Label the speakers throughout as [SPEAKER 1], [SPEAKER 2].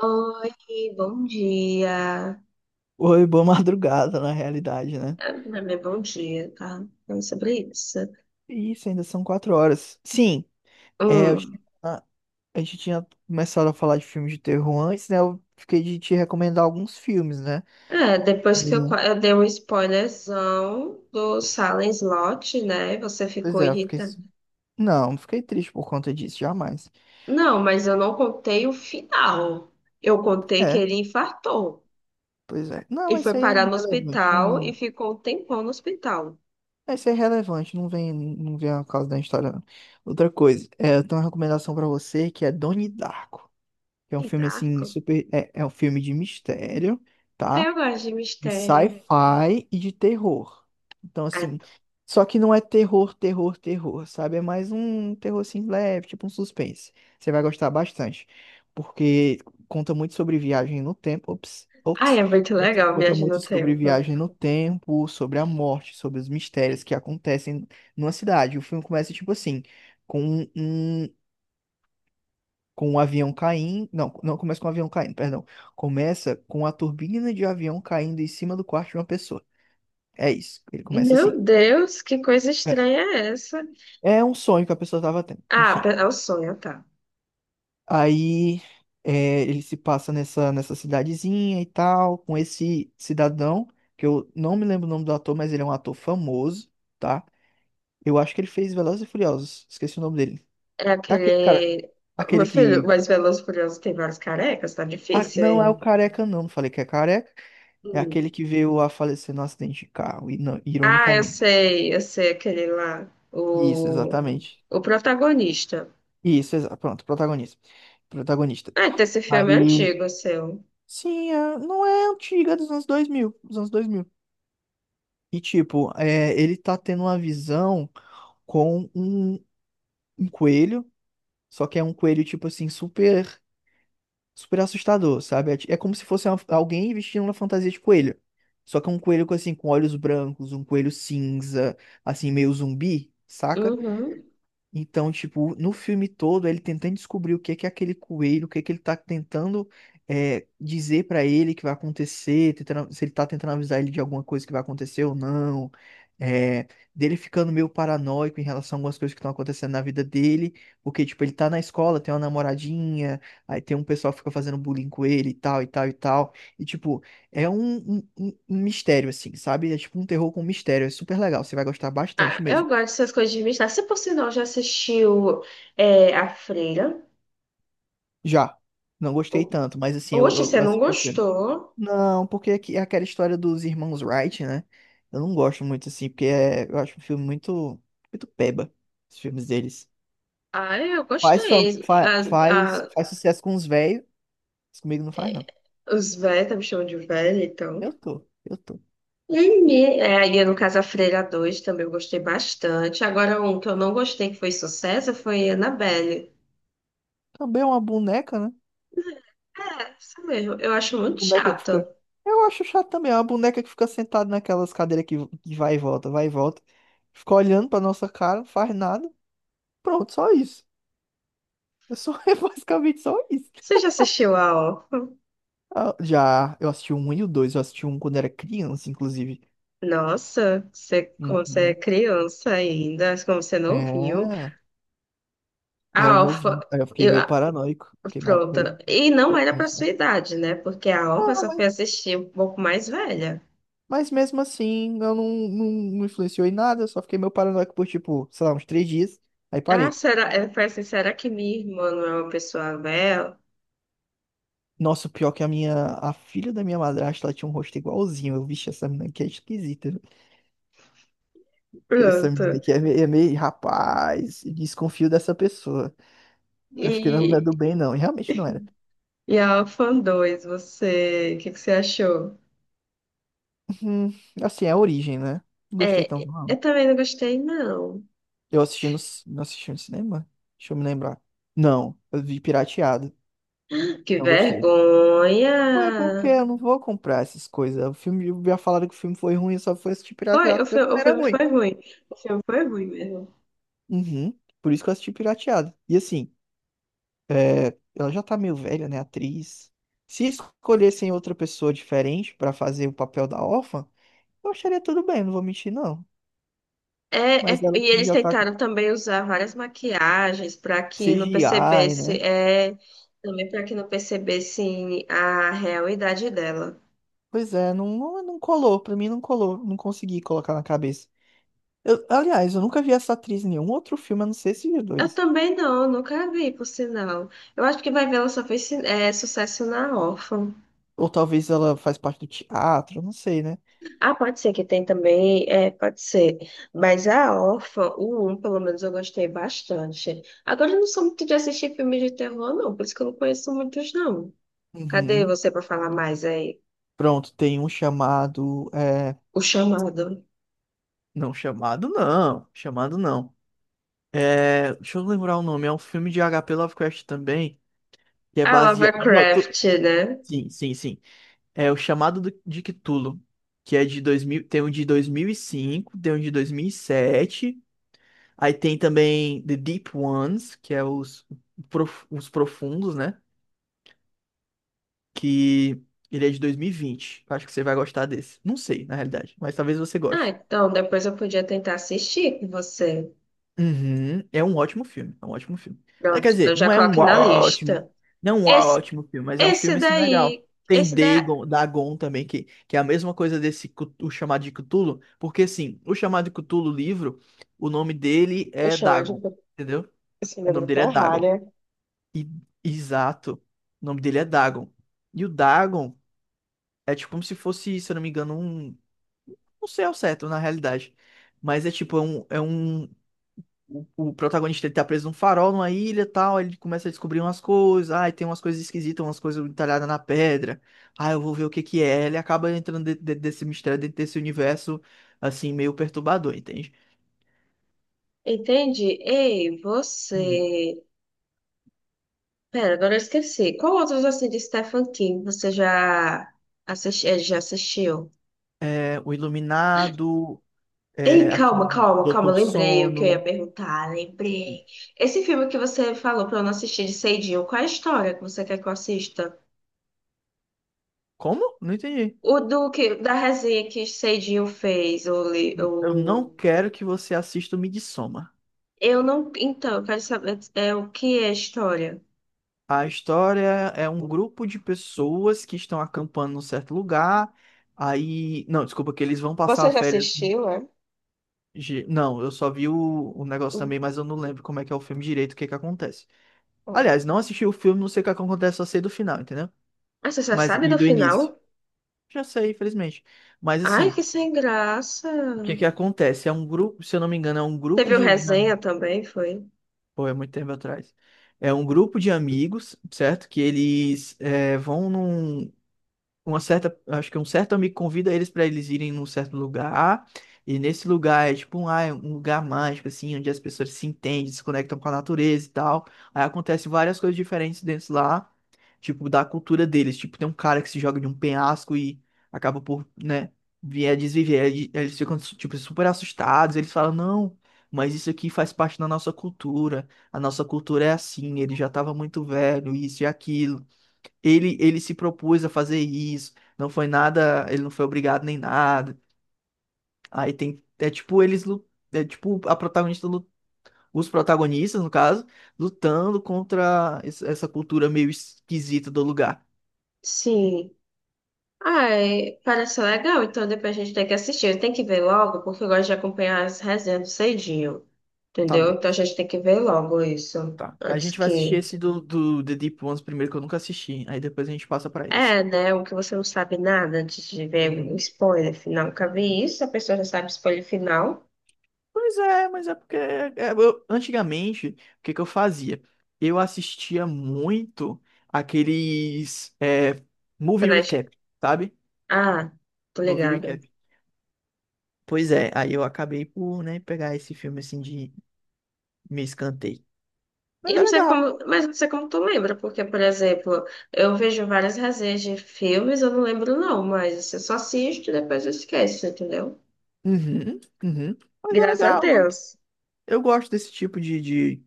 [SPEAKER 1] Oi, bom dia.
[SPEAKER 2] Oi, boa madrugada, na realidade, né?
[SPEAKER 1] Ah, não é bom dia, tá? Não é sobre isso.
[SPEAKER 2] Isso, ainda são 4 horas. Sim,
[SPEAKER 1] Hum.
[SPEAKER 2] a gente tinha começado a falar de filmes de terror antes, né? Eu fiquei de te recomendar alguns filmes, né?
[SPEAKER 1] É, depois que
[SPEAKER 2] E-
[SPEAKER 1] eu dei um spoilerzão do Silent Slot, né? Você
[SPEAKER 2] Pois
[SPEAKER 1] ficou
[SPEAKER 2] é, eu fiquei.
[SPEAKER 1] irritada.
[SPEAKER 2] Não, não fiquei triste por conta disso, jamais.
[SPEAKER 1] Não, mas eu não contei o final. Eu contei que
[SPEAKER 2] É,
[SPEAKER 1] ele infartou.
[SPEAKER 2] pois é. Não,
[SPEAKER 1] E
[SPEAKER 2] mas
[SPEAKER 1] foi
[SPEAKER 2] isso aí é
[SPEAKER 1] parar no
[SPEAKER 2] irrelevante.
[SPEAKER 1] hospital e
[SPEAKER 2] Não.
[SPEAKER 1] ficou um tempão no hospital.
[SPEAKER 2] Isso aí é relevante, não vem a causa da história. Não. Outra coisa, eu tenho uma recomendação pra você que é Donnie Darko, que é um
[SPEAKER 1] Que
[SPEAKER 2] filme assim,
[SPEAKER 1] darko.
[SPEAKER 2] super. É um filme de mistério.
[SPEAKER 1] Aí
[SPEAKER 2] Tá?
[SPEAKER 1] eu gosto de
[SPEAKER 2] De
[SPEAKER 1] mistério.
[SPEAKER 2] sci-fi e de terror. Então, assim,
[SPEAKER 1] Ah,
[SPEAKER 2] só que não é terror, terror, terror, sabe? É mais um terror assim leve, tipo um suspense. Você vai gostar bastante, porque conta muito sobre viagem no tempo. Ops,
[SPEAKER 1] ah,
[SPEAKER 2] ops.
[SPEAKER 1] é muito legal
[SPEAKER 2] Conta
[SPEAKER 1] Viagem no
[SPEAKER 2] muito sobre
[SPEAKER 1] Tempo.
[SPEAKER 2] viagem no tempo, sobre a morte, sobre os mistérios que acontecem numa cidade. O filme começa tipo assim, com um, um, com um avião caindo. Não, não começa com um avião caindo, perdão. Começa com a turbina de avião caindo em cima do quarto de uma pessoa. É isso. Ele começa assim.
[SPEAKER 1] Meu Deus, que coisa
[SPEAKER 2] É,
[SPEAKER 1] estranha é essa?
[SPEAKER 2] é um sonho que a pessoa tava tendo. Enfim.
[SPEAKER 1] É o sonho, tá.
[SPEAKER 2] Aí, ele se passa nessa cidadezinha e tal, com esse cidadão, que eu não me lembro o nome do ator, mas ele é um ator famoso, tá? Eu acho que ele fez Velozes e Furiosos. Esqueci o nome dele.
[SPEAKER 1] É
[SPEAKER 2] É
[SPEAKER 1] aquele.
[SPEAKER 2] aquele cara.
[SPEAKER 1] Meu
[SPEAKER 2] Aquele
[SPEAKER 1] filho,
[SPEAKER 2] que.
[SPEAKER 1] mas Velozes e Furiosos tem vários carecas, tá
[SPEAKER 2] Ah,
[SPEAKER 1] difícil
[SPEAKER 2] não é o
[SPEAKER 1] aí.
[SPEAKER 2] careca, não. Não falei que é careca. É
[SPEAKER 1] Hum.
[SPEAKER 2] aquele que veio a falecer no acidente de carro, e
[SPEAKER 1] Ah,
[SPEAKER 2] ironicamente.
[SPEAKER 1] eu sei aquele lá.
[SPEAKER 2] Isso, exatamente.
[SPEAKER 1] O protagonista.
[SPEAKER 2] Isso, pronto, protagonista. Protagonista.
[SPEAKER 1] Ah, então esse filme é
[SPEAKER 2] Aí,
[SPEAKER 1] antigo, seu.
[SPEAKER 2] sim, não é antiga, é dos anos dois mil. E tipo, ele tá tendo uma visão com um coelho, só que é um coelho tipo assim super super assustador, sabe? É como se fosse alguém vestindo uma fantasia de coelho. Só que é um coelho com assim com olhos brancos, um coelho cinza, assim meio zumbi, saca?
[SPEAKER 1] Uhum.
[SPEAKER 2] Então, tipo, no filme todo, ele tentando descobrir o que que é aquele coelho, o que que ele tá tentando dizer pra ele que vai acontecer, se ele tá tentando avisar ele de alguma coisa que vai acontecer ou não, é, dele ficando meio paranoico em relação a algumas coisas que estão acontecendo na vida dele, porque, tipo, ele tá na escola, tem uma namoradinha, aí tem um pessoal que fica fazendo bullying com ele e tal, e tal, e tal, e, tipo, é um mistério, assim, sabe? É tipo um terror com mistério, é super legal, você vai gostar
[SPEAKER 1] Ah,
[SPEAKER 2] bastante mesmo.
[SPEAKER 1] eu gosto dessas coisas de mistério. Você, por sinal, já assistiu A Freira?
[SPEAKER 2] Já. Não gostei
[SPEAKER 1] O-
[SPEAKER 2] tanto, mas assim, eu,
[SPEAKER 1] Oxe, você
[SPEAKER 2] eu
[SPEAKER 1] não
[SPEAKER 2] assisti o filme.
[SPEAKER 1] gostou?
[SPEAKER 2] Não, porque aqui é aquela história dos irmãos Wright, né? Eu não gosto muito assim, porque eu acho um filme muito, muito peba, os filmes deles.
[SPEAKER 1] Ah, eu
[SPEAKER 2] Faz, fam-
[SPEAKER 1] gostei.
[SPEAKER 2] fa-
[SPEAKER 1] As,
[SPEAKER 2] faz,
[SPEAKER 1] a,
[SPEAKER 2] faz sucesso com os velhos, mas comigo não faz, não.
[SPEAKER 1] os velhos, tá me chamando de velho, então.
[SPEAKER 2] Eu tô, eu tô.
[SPEAKER 1] No Ilha do Casafreira 2 também eu gostei bastante. Agora, um que eu não gostei, que foi sucesso, foi Annabelle.
[SPEAKER 2] Também é uma boneca, né?
[SPEAKER 1] É, isso mesmo. Eu acho muito
[SPEAKER 2] Boneca que
[SPEAKER 1] chato.
[SPEAKER 2] fica. Eu acho chato também, é uma boneca que fica sentada naquelas cadeiras que vai e volta, vai e volta. Fica olhando pra nossa cara, não faz nada. Pronto, só isso. É só, é basicamente só isso.
[SPEAKER 1] Você já assistiu a ó?
[SPEAKER 2] Ah, já, eu assisti o um e o dois, eu assisti um quando era criança, inclusive.
[SPEAKER 1] Nossa, você, como você é
[SPEAKER 2] Uhum.
[SPEAKER 1] criança ainda, como você não viu.
[SPEAKER 2] É,
[SPEAKER 1] A
[SPEAKER 2] eu era
[SPEAKER 1] Alfa,
[SPEAKER 2] novinho, aí eu fiquei
[SPEAKER 1] eu,
[SPEAKER 2] meio
[SPEAKER 1] ah,
[SPEAKER 2] paranoico, fiquei
[SPEAKER 1] pronto.
[SPEAKER 2] meio
[SPEAKER 1] E não era
[SPEAKER 2] pouquinho
[SPEAKER 1] pra
[SPEAKER 2] só.
[SPEAKER 1] sua idade, né? Porque a Alfa
[SPEAKER 2] Ah,
[SPEAKER 1] só foi
[SPEAKER 2] mas,
[SPEAKER 1] assistir um pouco mais velha.
[SPEAKER 2] mas mesmo assim, eu não influenciou em nada, eu só fiquei meio paranoico por, tipo, sei lá, uns 3 dias, aí
[SPEAKER 1] Ah,
[SPEAKER 2] parei.
[SPEAKER 1] será? Eu falei assim, será que minha irmã não é uma pessoa velha?
[SPEAKER 2] Nossa, o pior é que a filha da minha madrasta, ela tinha um rosto igualzinho, eu, vixe, essa menina aqui é esquisita, né? Essa menina
[SPEAKER 1] Pronto.
[SPEAKER 2] aqui é meio, rapaz, desconfio dessa pessoa, acho que ela não é
[SPEAKER 1] E
[SPEAKER 2] do bem não, e realmente não era.
[SPEAKER 1] E a Fan 2, você, o que que você achou?
[SPEAKER 2] Hum, assim, é a origem, né? Não gostei tanto,
[SPEAKER 1] É,
[SPEAKER 2] não.
[SPEAKER 1] eu também não gostei, não.
[SPEAKER 2] Eu assisti não assisti no cinema? Deixa eu me lembrar. Não, eu vi pirateado.
[SPEAKER 1] Que
[SPEAKER 2] Não gostei. Ué, porque
[SPEAKER 1] vergonha!
[SPEAKER 2] eu não vou comprar essas coisas. O filme, já falaram que o filme foi ruim, eu só fui assistir pirateado porque o
[SPEAKER 1] O
[SPEAKER 2] filme era
[SPEAKER 1] filme
[SPEAKER 2] ruim.
[SPEAKER 1] foi ruim. O filme foi ruim mesmo.
[SPEAKER 2] Uhum, por isso que eu assisti pirateado. E assim, ela já tá meio velha, né, a atriz. Se escolhessem outra pessoa diferente pra fazer o papel da órfã, eu acharia tudo bem, não vou mentir, não.
[SPEAKER 1] É,
[SPEAKER 2] Mas
[SPEAKER 1] é-
[SPEAKER 2] ela
[SPEAKER 1] e
[SPEAKER 2] assim,
[SPEAKER 1] eles
[SPEAKER 2] já tá com
[SPEAKER 1] tentaram também usar várias maquiagens para que não
[SPEAKER 2] CGI,
[SPEAKER 1] percebesse,
[SPEAKER 2] né?
[SPEAKER 1] é, também para que não percebessem a realidade dela.
[SPEAKER 2] Pois é, não colou, pra mim não colou, não consegui colocar na cabeça. Aliás, eu nunca vi essa atriz em nenhum outro filme, a não ser esses
[SPEAKER 1] Eu
[SPEAKER 2] dois.
[SPEAKER 1] também não, nunca vi, por sinal. Eu acho que vai ver, ela só fez, é, sucesso na órfã.
[SPEAKER 2] Ou talvez ela faz parte do teatro, eu não sei, né?
[SPEAKER 1] Ah, pode ser que tem também, é, pode ser. Mas a Órfã, o 1, pelo menos eu gostei bastante. Agora eu não sou muito de assistir filmes de terror, não, por isso que eu não conheço muitos, não. Cadê
[SPEAKER 2] Uhum.
[SPEAKER 1] você para falar mais aí?
[SPEAKER 2] Pronto, tem um chamado.
[SPEAKER 1] O Chamado.
[SPEAKER 2] Não, chamado não, chamado não. É, deixa eu lembrar o nome, é um filme de H.P. Lovecraft também, que é
[SPEAKER 1] Ah,
[SPEAKER 2] baseado.
[SPEAKER 1] Lovecraft,
[SPEAKER 2] Pronto,
[SPEAKER 1] né?
[SPEAKER 2] sim, sim, sim. É o Chamado de Cthulhu, que é de 2000, tem um de 2005, tem um de 2007. Aí tem também The Deep Ones, que é os profundos, né? Que ele é de 2020. Acho que você vai gostar desse. Não sei, na realidade, mas talvez você
[SPEAKER 1] Ah,
[SPEAKER 2] goste.
[SPEAKER 1] então depois eu podia tentar assistir com você.
[SPEAKER 2] Uhum. É um ótimo filme, é um ótimo filme. Ah, quer
[SPEAKER 1] Pronto,
[SPEAKER 2] dizer,
[SPEAKER 1] então já
[SPEAKER 2] não é um
[SPEAKER 1] coloque na
[SPEAKER 2] ótimo,
[SPEAKER 1] lista.
[SPEAKER 2] não é um
[SPEAKER 1] Esse,
[SPEAKER 2] ótimo filme, mas é um
[SPEAKER 1] esse
[SPEAKER 2] filme assim legal.
[SPEAKER 1] daí,
[SPEAKER 2] Tem
[SPEAKER 1] esse da...
[SPEAKER 2] Dagon, Dagon também, que é a mesma coisa desse o chamado de Cthulhu, porque assim, o chamado de Cthulhu livro, o nome dele
[SPEAKER 1] O
[SPEAKER 2] é Dagon,
[SPEAKER 1] Chamado,
[SPEAKER 2] entendeu?
[SPEAKER 1] esse
[SPEAKER 2] O nome
[SPEAKER 1] livro
[SPEAKER 2] dele
[SPEAKER 1] tá
[SPEAKER 2] é
[SPEAKER 1] errado,
[SPEAKER 2] Dagon.
[SPEAKER 1] né?
[SPEAKER 2] E- Exato. O nome dele é Dagon. E o Dagon é tipo como se fosse, se eu não me engano, um. Não sei ao certo, na realidade. Mas é tipo, é um. É um. O protagonista ele tá preso num farol, numa ilha e tal. Aí ele começa a descobrir umas coisas. Ai, tem umas coisas esquisitas, umas coisas entalhadas na pedra. Ah, eu vou ver o que que é. Ele acaba entrando dentro desse mistério, dentro desse universo, assim, meio perturbador, entende?
[SPEAKER 1] Entendi. Ei,
[SPEAKER 2] Hum.
[SPEAKER 1] você. Pera, agora eu esqueci. Qual outros assim de Stephen King você já, já assistiu?
[SPEAKER 2] É, o Iluminado,
[SPEAKER 1] Ei, calma,
[SPEAKER 2] aquele
[SPEAKER 1] calma, calma,
[SPEAKER 2] Doutor
[SPEAKER 1] lembrei o que eu ia
[SPEAKER 2] Sono.
[SPEAKER 1] perguntar, lembrei. Esse filme que você falou pra eu não assistir de Seidinho, qual é a história que você quer que eu assista?
[SPEAKER 2] Como? Não entendi.
[SPEAKER 1] O do que, da resenha que Seidinho fez, o, li-
[SPEAKER 2] Eu não
[SPEAKER 1] o...
[SPEAKER 2] quero que você assista o Midsommar.
[SPEAKER 1] Eu não... Então, eu quero saber é, o que é a história.
[SPEAKER 2] A história é um grupo de pessoas que estão acampando num certo lugar. Aí. Não, desculpa, que eles vão passar a
[SPEAKER 1] Você já
[SPEAKER 2] férias.
[SPEAKER 1] assistiu, é?
[SPEAKER 2] Não, eu só vi o negócio também, mas eu não lembro como é que é o filme direito, o que é que acontece.
[SPEAKER 1] Hum.
[SPEAKER 2] Aliás, não assisti o filme, não sei o que acontece, só sei do final, entendeu?
[SPEAKER 1] Ah, você já
[SPEAKER 2] Mas
[SPEAKER 1] sabe
[SPEAKER 2] e
[SPEAKER 1] do
[SPEAKER 2] do início?
[SPEAKER 1] final?
[SPEAKER 2] Já sei, infelizmente. Mas
[SPEAKER 1] Ai,
[SPEAKER 2] assim,
[SPEAKER 1] que sem graça.
[SPEAKER 2] o que é que acontece? É um grupo, se eu não me engano, é um grupo
[SPEAKER 1] Teve o
[SPEAKER 2] de.
[SPEAKER 1] resenha também, foi?
[SPEAKER 2] Pô, é muito tempo atrás. É um grupo de amigos, certo? Que eles vão acho que um certo amigo convida eles pra eles irem num certo lugar, e nesse lugar é tipo é um lugar mágico assim, onde as pessoas se entendem, se conectam com a natureza e tal. Aí acontece várias coisas diferentes dentro lá, tipo da cultura deles, tipo tem um cara que se joga de um penhasco e acaba por, né, vir a desviver. Aí eles ficam tipo super assustados, eles falam, não, mas isso aqui faz parte da nossa cultura. A nossa cultura é assim. Ele já estava muito velho, isso e aquilo. Ele se propôs a fazer isso, não foi nada, ele não foi obrigado nem nada. Aí tem, é tipo a protagonista, os protagonistas, no caso, lutando contra essa cultura meio esquisita do lugar.
[SPEAKER 1] Sim. Ai, parece legal, então depois a gente tem que assistir. Tem que ver logo, porque eu gosto de acompanhar as resenhas cedinho.
[SPEAKER 2] Tá
[SPEAKER 1] Entendeu?
[SPEAKER 2] bom,
[SPEAKER 1] Então a gente tem que ver logo isso.
[SPEAKER 2] tá. A
[SPEAKER 1] Antes
[SPEAKER 2] gente vai assistir
[SPEAKER 1] que.
[SPEAKER 2] esse do The Deep Ones primeiro, que eu nunca assisti, aí depois a gente passa pra esse.
[SPEAKER 1] É, né? O que você não sabe nada antes de ver o
[SPEAKER 2] Uhum.
[SPEAKER 1] spoiler final. Nunca vi isso, a pessoa já sabe o spoiler final.
[SPEAKER 2] Pois é, mas é porque antigamente, o que que eu fazia? Eu assistia muito aqueles movie
[SPEAKER 1] Quando a gente-
[SPEAKER 2] recap, sabe?
[SPEAKER 1] Ah, tô
[SPEAKER 2] Movie
[SPEAKER 1] ligada.
[SPEAKER 2] recap. Pois é, aí eu acabei por, né, pegar esse filme assim de me escanteio. Mas
[SPEAKER 1] Eu
[SPEAKER 2] é
[SPEAKER 1] não sei
[SPEAKER 2] legal.
[SPEAKER 1] como, mas não sei como tu lembra, porque, por exemplo, eu vejo várias resenhas de filmes, eu não lembro não, mas assim, eu só assisto e depois eu esqueço, entendeu?
[SPEAKER 2] Uhum, uhum. Mas é
[SPEAKER 1] Graças a
[SPEAKER 2] legal. Eu gosto
[SPEAKER 1] Deus.
[SPEAKER 2] eu gosto desse tipo de.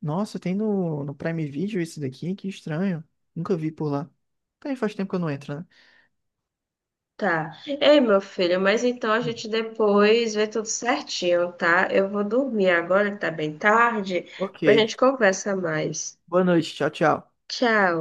[SPEAKER 2] Nossa, tem no Prime Video esse daqui? Que estranho. Nunca vi por lá. Também faz tempo que eu não entro, né?
[SPEAKER 1] Tá. Ei, meu filho, mas então a
[SPEAKER 2] Hum.
[SPEAKER 1] gente depois vê tudo certinho, tá? Eu vou dormir agora, que tá bem tarde, pra
[SPEAKER 2] Ok.
[SPEAKER 1] gente conversa mais.
[SPEAKER 2] Boa noite. Tchau, tchau.
[SPEAKER 1] Tchau.